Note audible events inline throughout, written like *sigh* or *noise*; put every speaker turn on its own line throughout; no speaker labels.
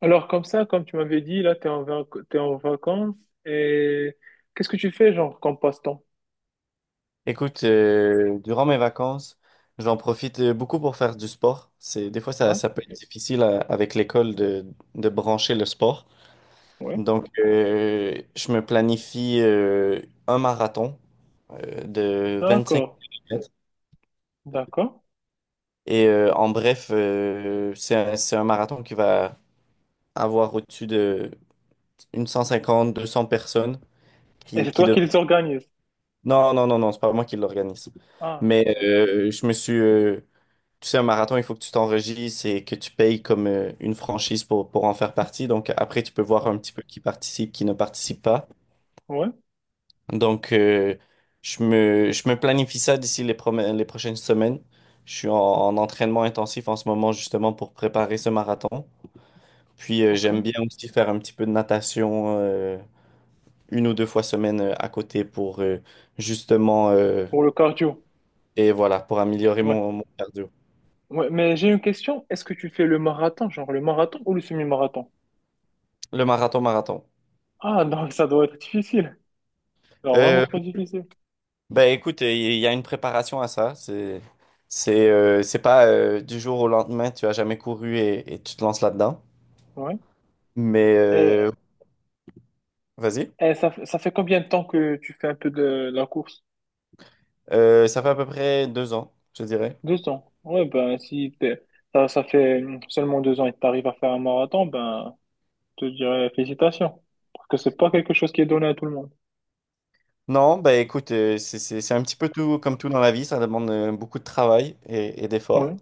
Alors comme ça, comme tu m'avais dit, là, t'es en vacances et qu'est-ce que tu fais, genre, comme passe-temps?
Durant mes vacances, j'en profite, beaucoup pour faire du sport. C'est des fois, ça,
Ouais,
ça peut être avec l'école de brancher le sport.
ouais.
Donc, je me planifie, un marathon, de 25
D'accord,
km.
d'accord.
Et, en bref, c'est un marathon qui va avoir au-dessus de une 150, 200 personnes
Et
qui,
c'est
qui
toi
dev-
qui les organises?
Non, non, non, non, c'est pas moi qui l'organise.
Ah,
Mais,
bon,
tu sais, un marathon, il faut que tu t'enregistres et que tu payes comme, une franchise pour en faire partie. Donc après, tu peux voir
bon.
un petit peu qui participe, qui ne participe pas.
Ouais,
Donc, je me planifie ça d'ici les prochaines semaines. Je suis en entraînement intensif en ce moment, justement pour préparer ce marathon. Puis, j'aime
ok.
bien aussi faire un petit peu de natation, une ou deux fois semaine, à côté pour, justement, euh,
Pour le cardio,
et voilà, pour améliorer
ouais.
mon cardio.
Ouais, mais j'ai une question. Est-ce que tu fais le marathon, genre le marathon ou le semi-marathon?
Le marathon, marathon.
Ah, donc *laughs* ça doit être difficile. Alors vraiment
Euh,
trop difficile.
Ben écoute, il y a une préparation à ça. C'est pas, du jour au lendemain, tu as jamais couru et tu te lances là-dedans.
Ouais.
Mais,
Et,
vas-y.
et ça, ça fait combien de temps que tu fais un peu de la course?
Ça fait à peu près 2 ans, je dirais.
Deux ans. Ouais, ben, si t'es- ça fait seulement deux ans et que t'arrives à faire un marathon, ben, je te dirais félicitations. Parce que c'est pas quelque chose qui est donné à tout le monde.
Non, ben écoute, c'est un petit peu tout comme tout dans la vie. Ça demande, beaucoup de travail et d'efforts.
Ouais,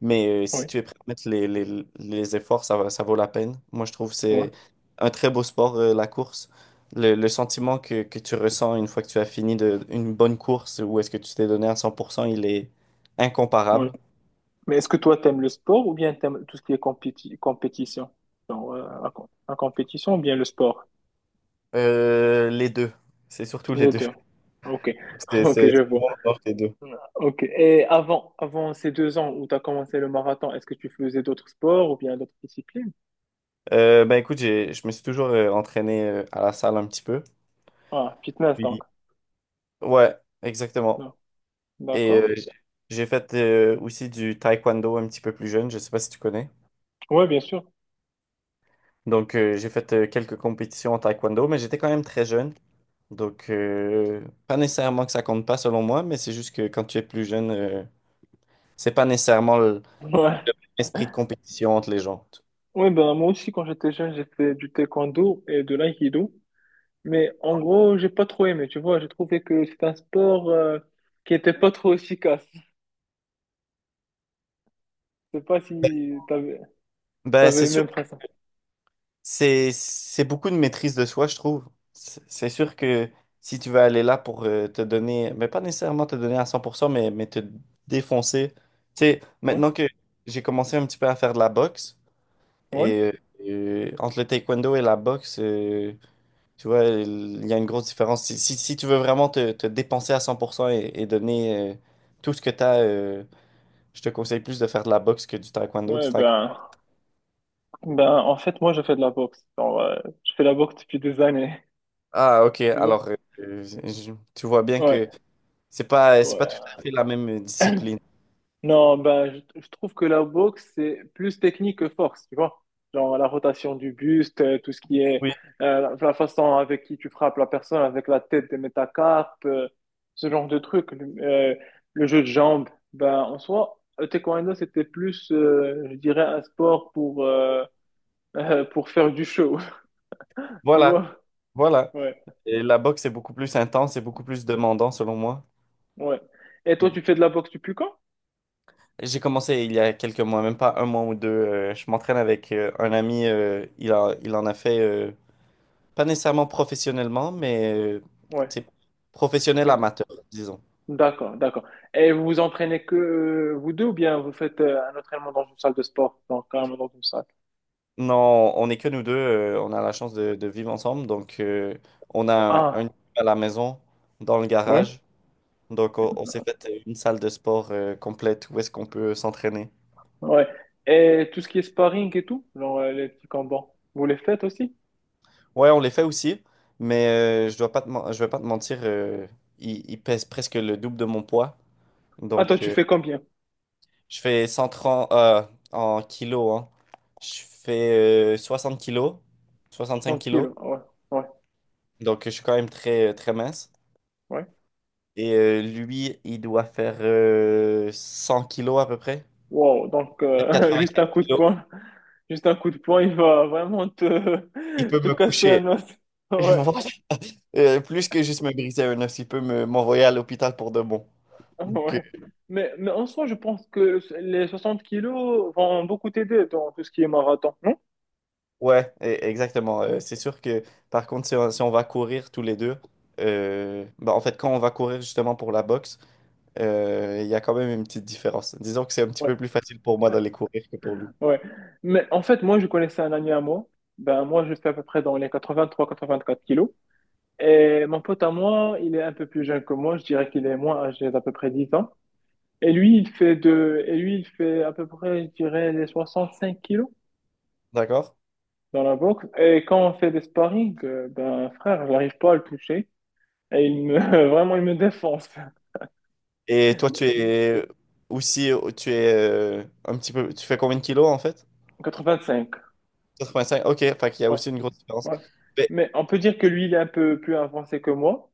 Mais, si
ouais,
tu es prêt à mettre les efforts, ça vaut la peine. Moi, je trouve que
ouais,
c'est un très beau sport, la course. Le sentiment que tu ressens une fois que tu as fini une bonne course ou est-ce que tu t'es donné à 100%, il est
ouais.
incomparable.
Mais est-ce que toi, t'aimes le sport ou bien t'aimes tout ce qui est compétition? Genre, la, la compétition ou bien le sport?
Les deux. C'est surtout les
Les
deux.
deux.
*laughs*
Ok, *laughs*
C'est
ok,
c'est-
je
c'est
vois.
bon dans les deux.
Ok. Et avant, avant ces deux ans où t'as commencé le marathon, est-ce que tu faisais d'autres sports ou bien d'autres disciplines?
Ben écoute, je me suis toujours, entraîné, à la salle un petit peu.
Ah, fitness donc.
Puis- Ouais, exactement.
Non.
Et,
D'accord.
j'ai fait, aussi du taekwondo un petit peu plus jeune. Je sais pas si tu connais.
Ouais, bien sûr.
Donc, j'ai fait, quelques compétitions en taekwondo, mais j'étais quand même très jeune. Donc, pas nécessairement que ça compte pas selon moi, mais c'est juste que quand tu es plus jeune, c'est pas nécessairement
Ouais.
l'esprit de compétition entre les gens.
Ouais, ben, moi aussi, quand j'étais jeune, j'ai fait du taekwondo et de l'aïkido. Mais en gros, j'ai pas trop aimé, tu vois. J'ai trouvé que c'est un sport qui était pas trop efficace. Je sais pas si
Ben,
t'avais
c'est
le
sûr,
même principe.
c'est beaucoup de maîtrise de soi, je trouve. C'est sûr que si tu veux aller là pour, te donner, mais pas nécessairement te donner à 100%, mais te défoncer. Tu sais,
Ouais,
maintenant que j'ai commencé un petit peu à faire de la boxe,
ouais,
et entre le taekwondo et la boxe, tu vois, il y a une grosse différence. Si tu veux vraiment te dépenser à 100% et donner, tout ce que tu as, je te conseille plus de faire de la boxe que du taekwondo. Du
ouais,
taekwondo.
ben, ben, en fait, moi, je fais de la boxe. Genre, je fais de la boxe depuis des années,
Ah, ok.
*laughs* tu vois.
Alors, tu vois bien
Ouais,
que c'est pas tout
ouais.
à fait la même discipline.
Non, ben, je trouve que la boxe, c'est plus technique que force, tu vois. Genre la rotation du buste, tout ce qui est
Oui,
la, la façon avec qui tu frappes la personne, avec la tête des métacarpes, ce genre de truc. Le jeu de jambes, ben, en soi, le taekwondo, c'était plus, je dirais, un sport pour faire du show, *laughs* tu
voilà,
vois.
voilà.
Ouais,
Et la boxe est beaucoup plus intense et beaucoup plus demandant, selon moi.
ouais. Et toi, tu fais de la boxe depuis quand?
J'ai commencé il y a quelques mois, même pas un mois ou deux. Je m'entraîne avec, un ami. Il en a fait. Pas nécessairement professionnellement, mais,
Ouais.
c'est professionnel
Mais,
amateur, disons.
d'accord. Et vous vous entraînez que vous deux ou bien vous faites un entraînement dans une salle de sport, donc carrément dans une salle?
Non, on est que nous deux, on a la chance de vivre ensemble, donc, on a un
Ah,
à la maison, dans le
ouais,
garage, donc on s'est fait une salle de sport, complète où est-ce qu'on peut s'entraîner.
ouais. Et tout ce qui est sparring et tout, genre les petits combats, vous les faites aussi?
Ouais, on les fait aussi, mais, je vais pas te mentir, ils pèsent presque le double de mon poids,
Ah, toi,
donc,
tu fais combien?
je fais 130, en kilos. Hein. Je fais, 60 kilos, cinq
30
kilos.
kilos, ah ouais,
Donc, je suis quand même très, très mince.
ouais.
Et, lui, il doit faire, 100 kilos à peu près.
Wow, donc
Peut-être
*laughs* juste
95
un coup de
kilos.
poing, juste un coup de poing, il va vraiment
Il peut
*laughs* te
me
casser un
coucher.
os.
Je
*laughs*
vois. *laughs* Plus que juste me briser un os, il peut m'envoyer à l'hôpital pour de bon.
Ouais,
Donc,
ouais. Mais en soi, je pense que les 60 kilos vont beaucoup t'aider dans tout ce qui est marathon, non?
ouais, exactement. C'est sûr que, par contre, si on va courir tous les deux, bah, en fait, quand on va courir justement pour la boxe, il y a quand même une petite différence. Disons que c'est un petit peu plus facile pour moi d'aller courir que pour lui.
Ouais. Mais en fait, moi, je connaissais un ami à moi. Ben, moi, je fais à peu près dans les 83, 84 kilos. Et mon pote à moi, il est un peu plus jeune que moi. Je dirais qu'il est moins âgé d'à peu près 10 ans. Et lui, et lui, il fait à peu près, je dirais, les 65 kilos
D'accord?
dans la boxe. Et quand on fait des sparring, ben, frère, je n'arrive pas à le toucher. Et il me, *laughs* vraiment, il me défonce.
Et toi, tu es aussi, tu es, un petit peu, tu fais combien de kilos en fait?
85.
Quatre cinq, ok, fait qu'il y a
Ouais,
aussi une grosse différence.
ouais.
Mais
Mais on peut dire que lui, il est un peu plus avancé que moi.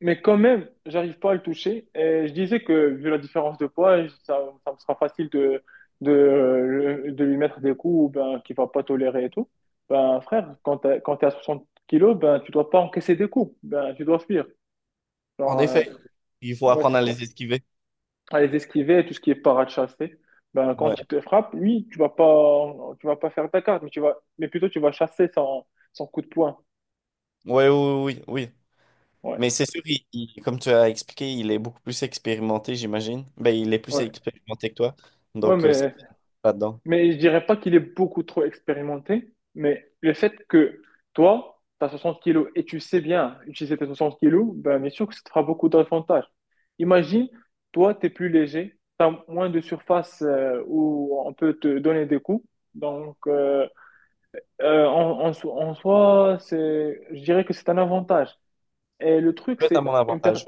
Mais quand même, j'arrive pas à le toucher. Et je disais que vu la différence de poids, ça, ça me sera facile de lui mettre des coups ben, qu'il va pas tolérer et tout. Ben frère, quand t'es à 60 kilos, ben tu dois pas encaisser des coups. Ben tu dois fuir.
en
Genre,
effet, il faut
ouais,
apprendre
c'est
à
ça.
les esquiver.
À les esquiver, tout ce qui est parade chassée. Ben
Ouais.
quand il te frappe, lui, tu vas pas faire ta carte, mais mais plutôt tu vas chasser son coup de poing.
Ouais, oui, oui, oui.
Ouais,
Mais c'est sûr, comme tu as expliqué, il est beaucoup plus expérimenté, j'imagine. Ben, il est plus
ouais,
expérimenté que toi.
ouais,
Donc, ça
mais
pas dedans.
mais je dirais pas qu'il est beaucoup trop expérimenté, mais le fait que toi, tu as 60 kilos et tu sais bien utiliser tes 60 kilos, ben bien sûr que ça te fera beaucoup d'avantages. Imagine, toi, tu es plus léger, tu as moins de surface où on peut te donner des coups. Donc en soi, c'est, je dirais que c'est un avantage. Et le
Ça
truc,
peut être à
c'est
mon
une per-
avantage.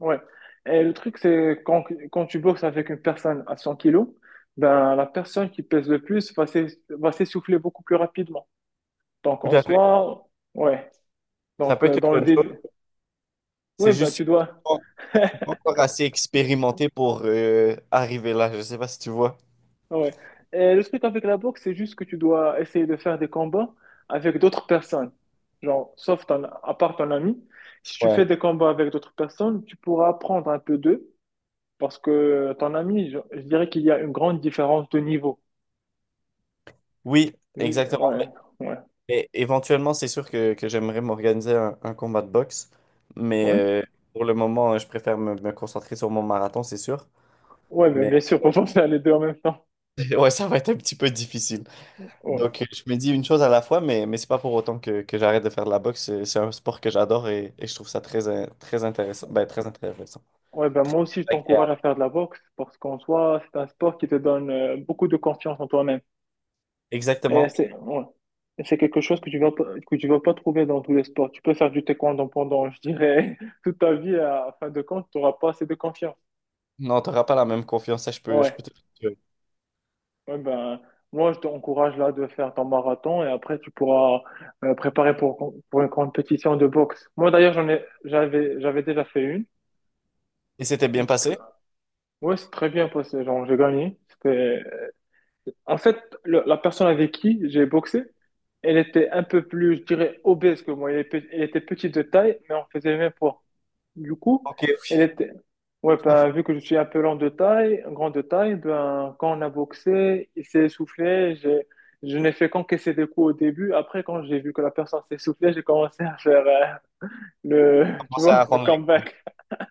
Ouais. Et le truc, c'est quand tu boxes avec une personne à 100 kilos, ben, la personne qui pèse le plus va s'essouffler beaucoup plus rapidement. Donc,
Tout
en
à fait.
soi, ouais.
Ça
Donc,
peut être une
dans le
bonne chose.
début,
C'est
ouais, ben, tu
juste.
dois. *laughs*
Pas encore assez expérimenté pour, arriver là. Je sais pas si tu vois.
Ouais. Et le truc avec la boxe, c'est juste que tu dois essayer de faire des combats avec d'autres personnes. Genre, à part ton ami, si tu
Ouais.
fais des combats avec d'autres personnes, tu pourras apprendre un peu d'eux parce que ton ami, je dirais qu'il y a une grande différence de niveau.
Oui,
Je-
exactement.
ouais, ouais.
Mais éventuellement, c'est sûr que j'aimerais m'organiser un combat de boxe. Mais,
Ouais,
euh, pour le moment, je préfère me concentrer sur mon marathon, c'est sûr.
ouais, ben,
Mais
bien sûr, *laughs* on va faire les deux en même temps.
*laughs* ouais, ça va être un petit peu difficile.
Ouais,
Donc, je me dis une chose à la fois, mais c'est pas pour autant que j'arrête de faire de la boxe. C'est un sport que j'adore et je trouve ça très, très intéressant. Ben, très intéressant.
ouais ben, moi aussi, je t'encourage à
Agréable.
faire de la boxe parce qu'en soi, c'est un sport qui te donne beaucoup de confiance en toi-même. Et
Exactement.
c'est ouais. Et c'est quelque chose que tu vas pas, que tu vas pas trouver dans tous les sports. Tu peux faire du taekwondo pendant, je dirais, *laughs* toute ta vie, à fin de compte, tu n'auras pas assez de confiance.
Non, t'auras pas la même confiance, ça, je peux, je
Ouais,
peux te le dire.
ouais ben, moi, je t'encourage là de faire ton marathon et après, tu pourras préparer pour une compétition de boxe. Moi, d'ailleurs, j'avais déjà fait une.
Et c'était
Une
bien
petite,
passé?
ouais, c'est très bien passé. Genre, j'ai gagné. En fait, la personne avec qui j'ai boxé, elle était un peu plus, je dirais, obèse que moi. Elle, elle était petite de taille, mais on faisait le même poids. Du coup,
Ok,
elle
faut
était. Ouais, ben, vu que je suis un peu lent de taille, grand de taille, ben, quand on a boxé, il s'est essoufflé. Je n'ai fait qu'encaisser des coups au début. Après, quand j'ai vu que la personne s'est essoufflée, j'ai commencé à faire le, *laughs* tu
commencer à
vois, le
rendre les...
comeback.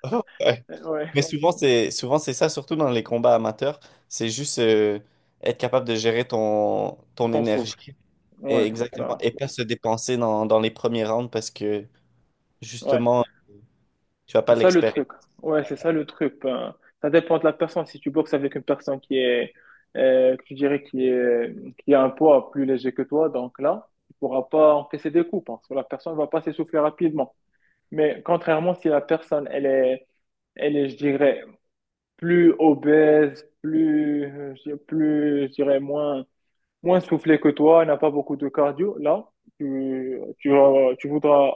*laughs* Ouais.
Ouais,
Mais souvent, c'est ça, surtout dans les combats amateurs. C'est juste, être capable de gérer ton
ton souffle.
énergie et,
Ouais,
exactement, et
bah
pas se dépenser dans les premiers rounds parce que
ouais.
justement, tu vas
C'est
pas
ça le
l'expérimenter.
truc. Ouais, c'est ça le truc. Ben, ça dépend de la personne. Si tu boxes avec une personne que tu dirais, qui a un poids plus léger que toi, donc là, tu pourras pas encaisser des coups parce que la personne va pas s'essouffler rapidement. Mais contrairement, si la personne, elle est, je dirais, plus obèse, plus, je dirais, plus, je dirais, moins soufflé que toi, n'a pas beaucoup de cardio, là, tu voudras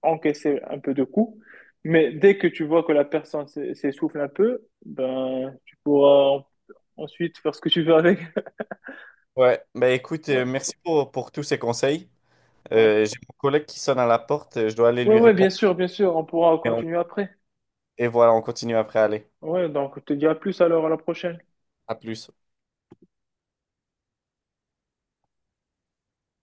encaisser un peu de coups. Mais dès que tu vois que la personne s'essouffle un peu, ben, tu pourras ensuite faire ce que tu veux avec. *laughs*
Ouais, ben écoute,
Ouais,
merci pour tous ces conseils.
ouais.
J'ai mon collègue qui sonne à la porte, je dois aller
Ouais,
lui
ouais,
répondre.
bien sûr, on pourra
Et, on-
continuer après.
et voilà, on continue après, allez.
Ouais, donc je te dis à plus alors, à la prochaine.
À plus.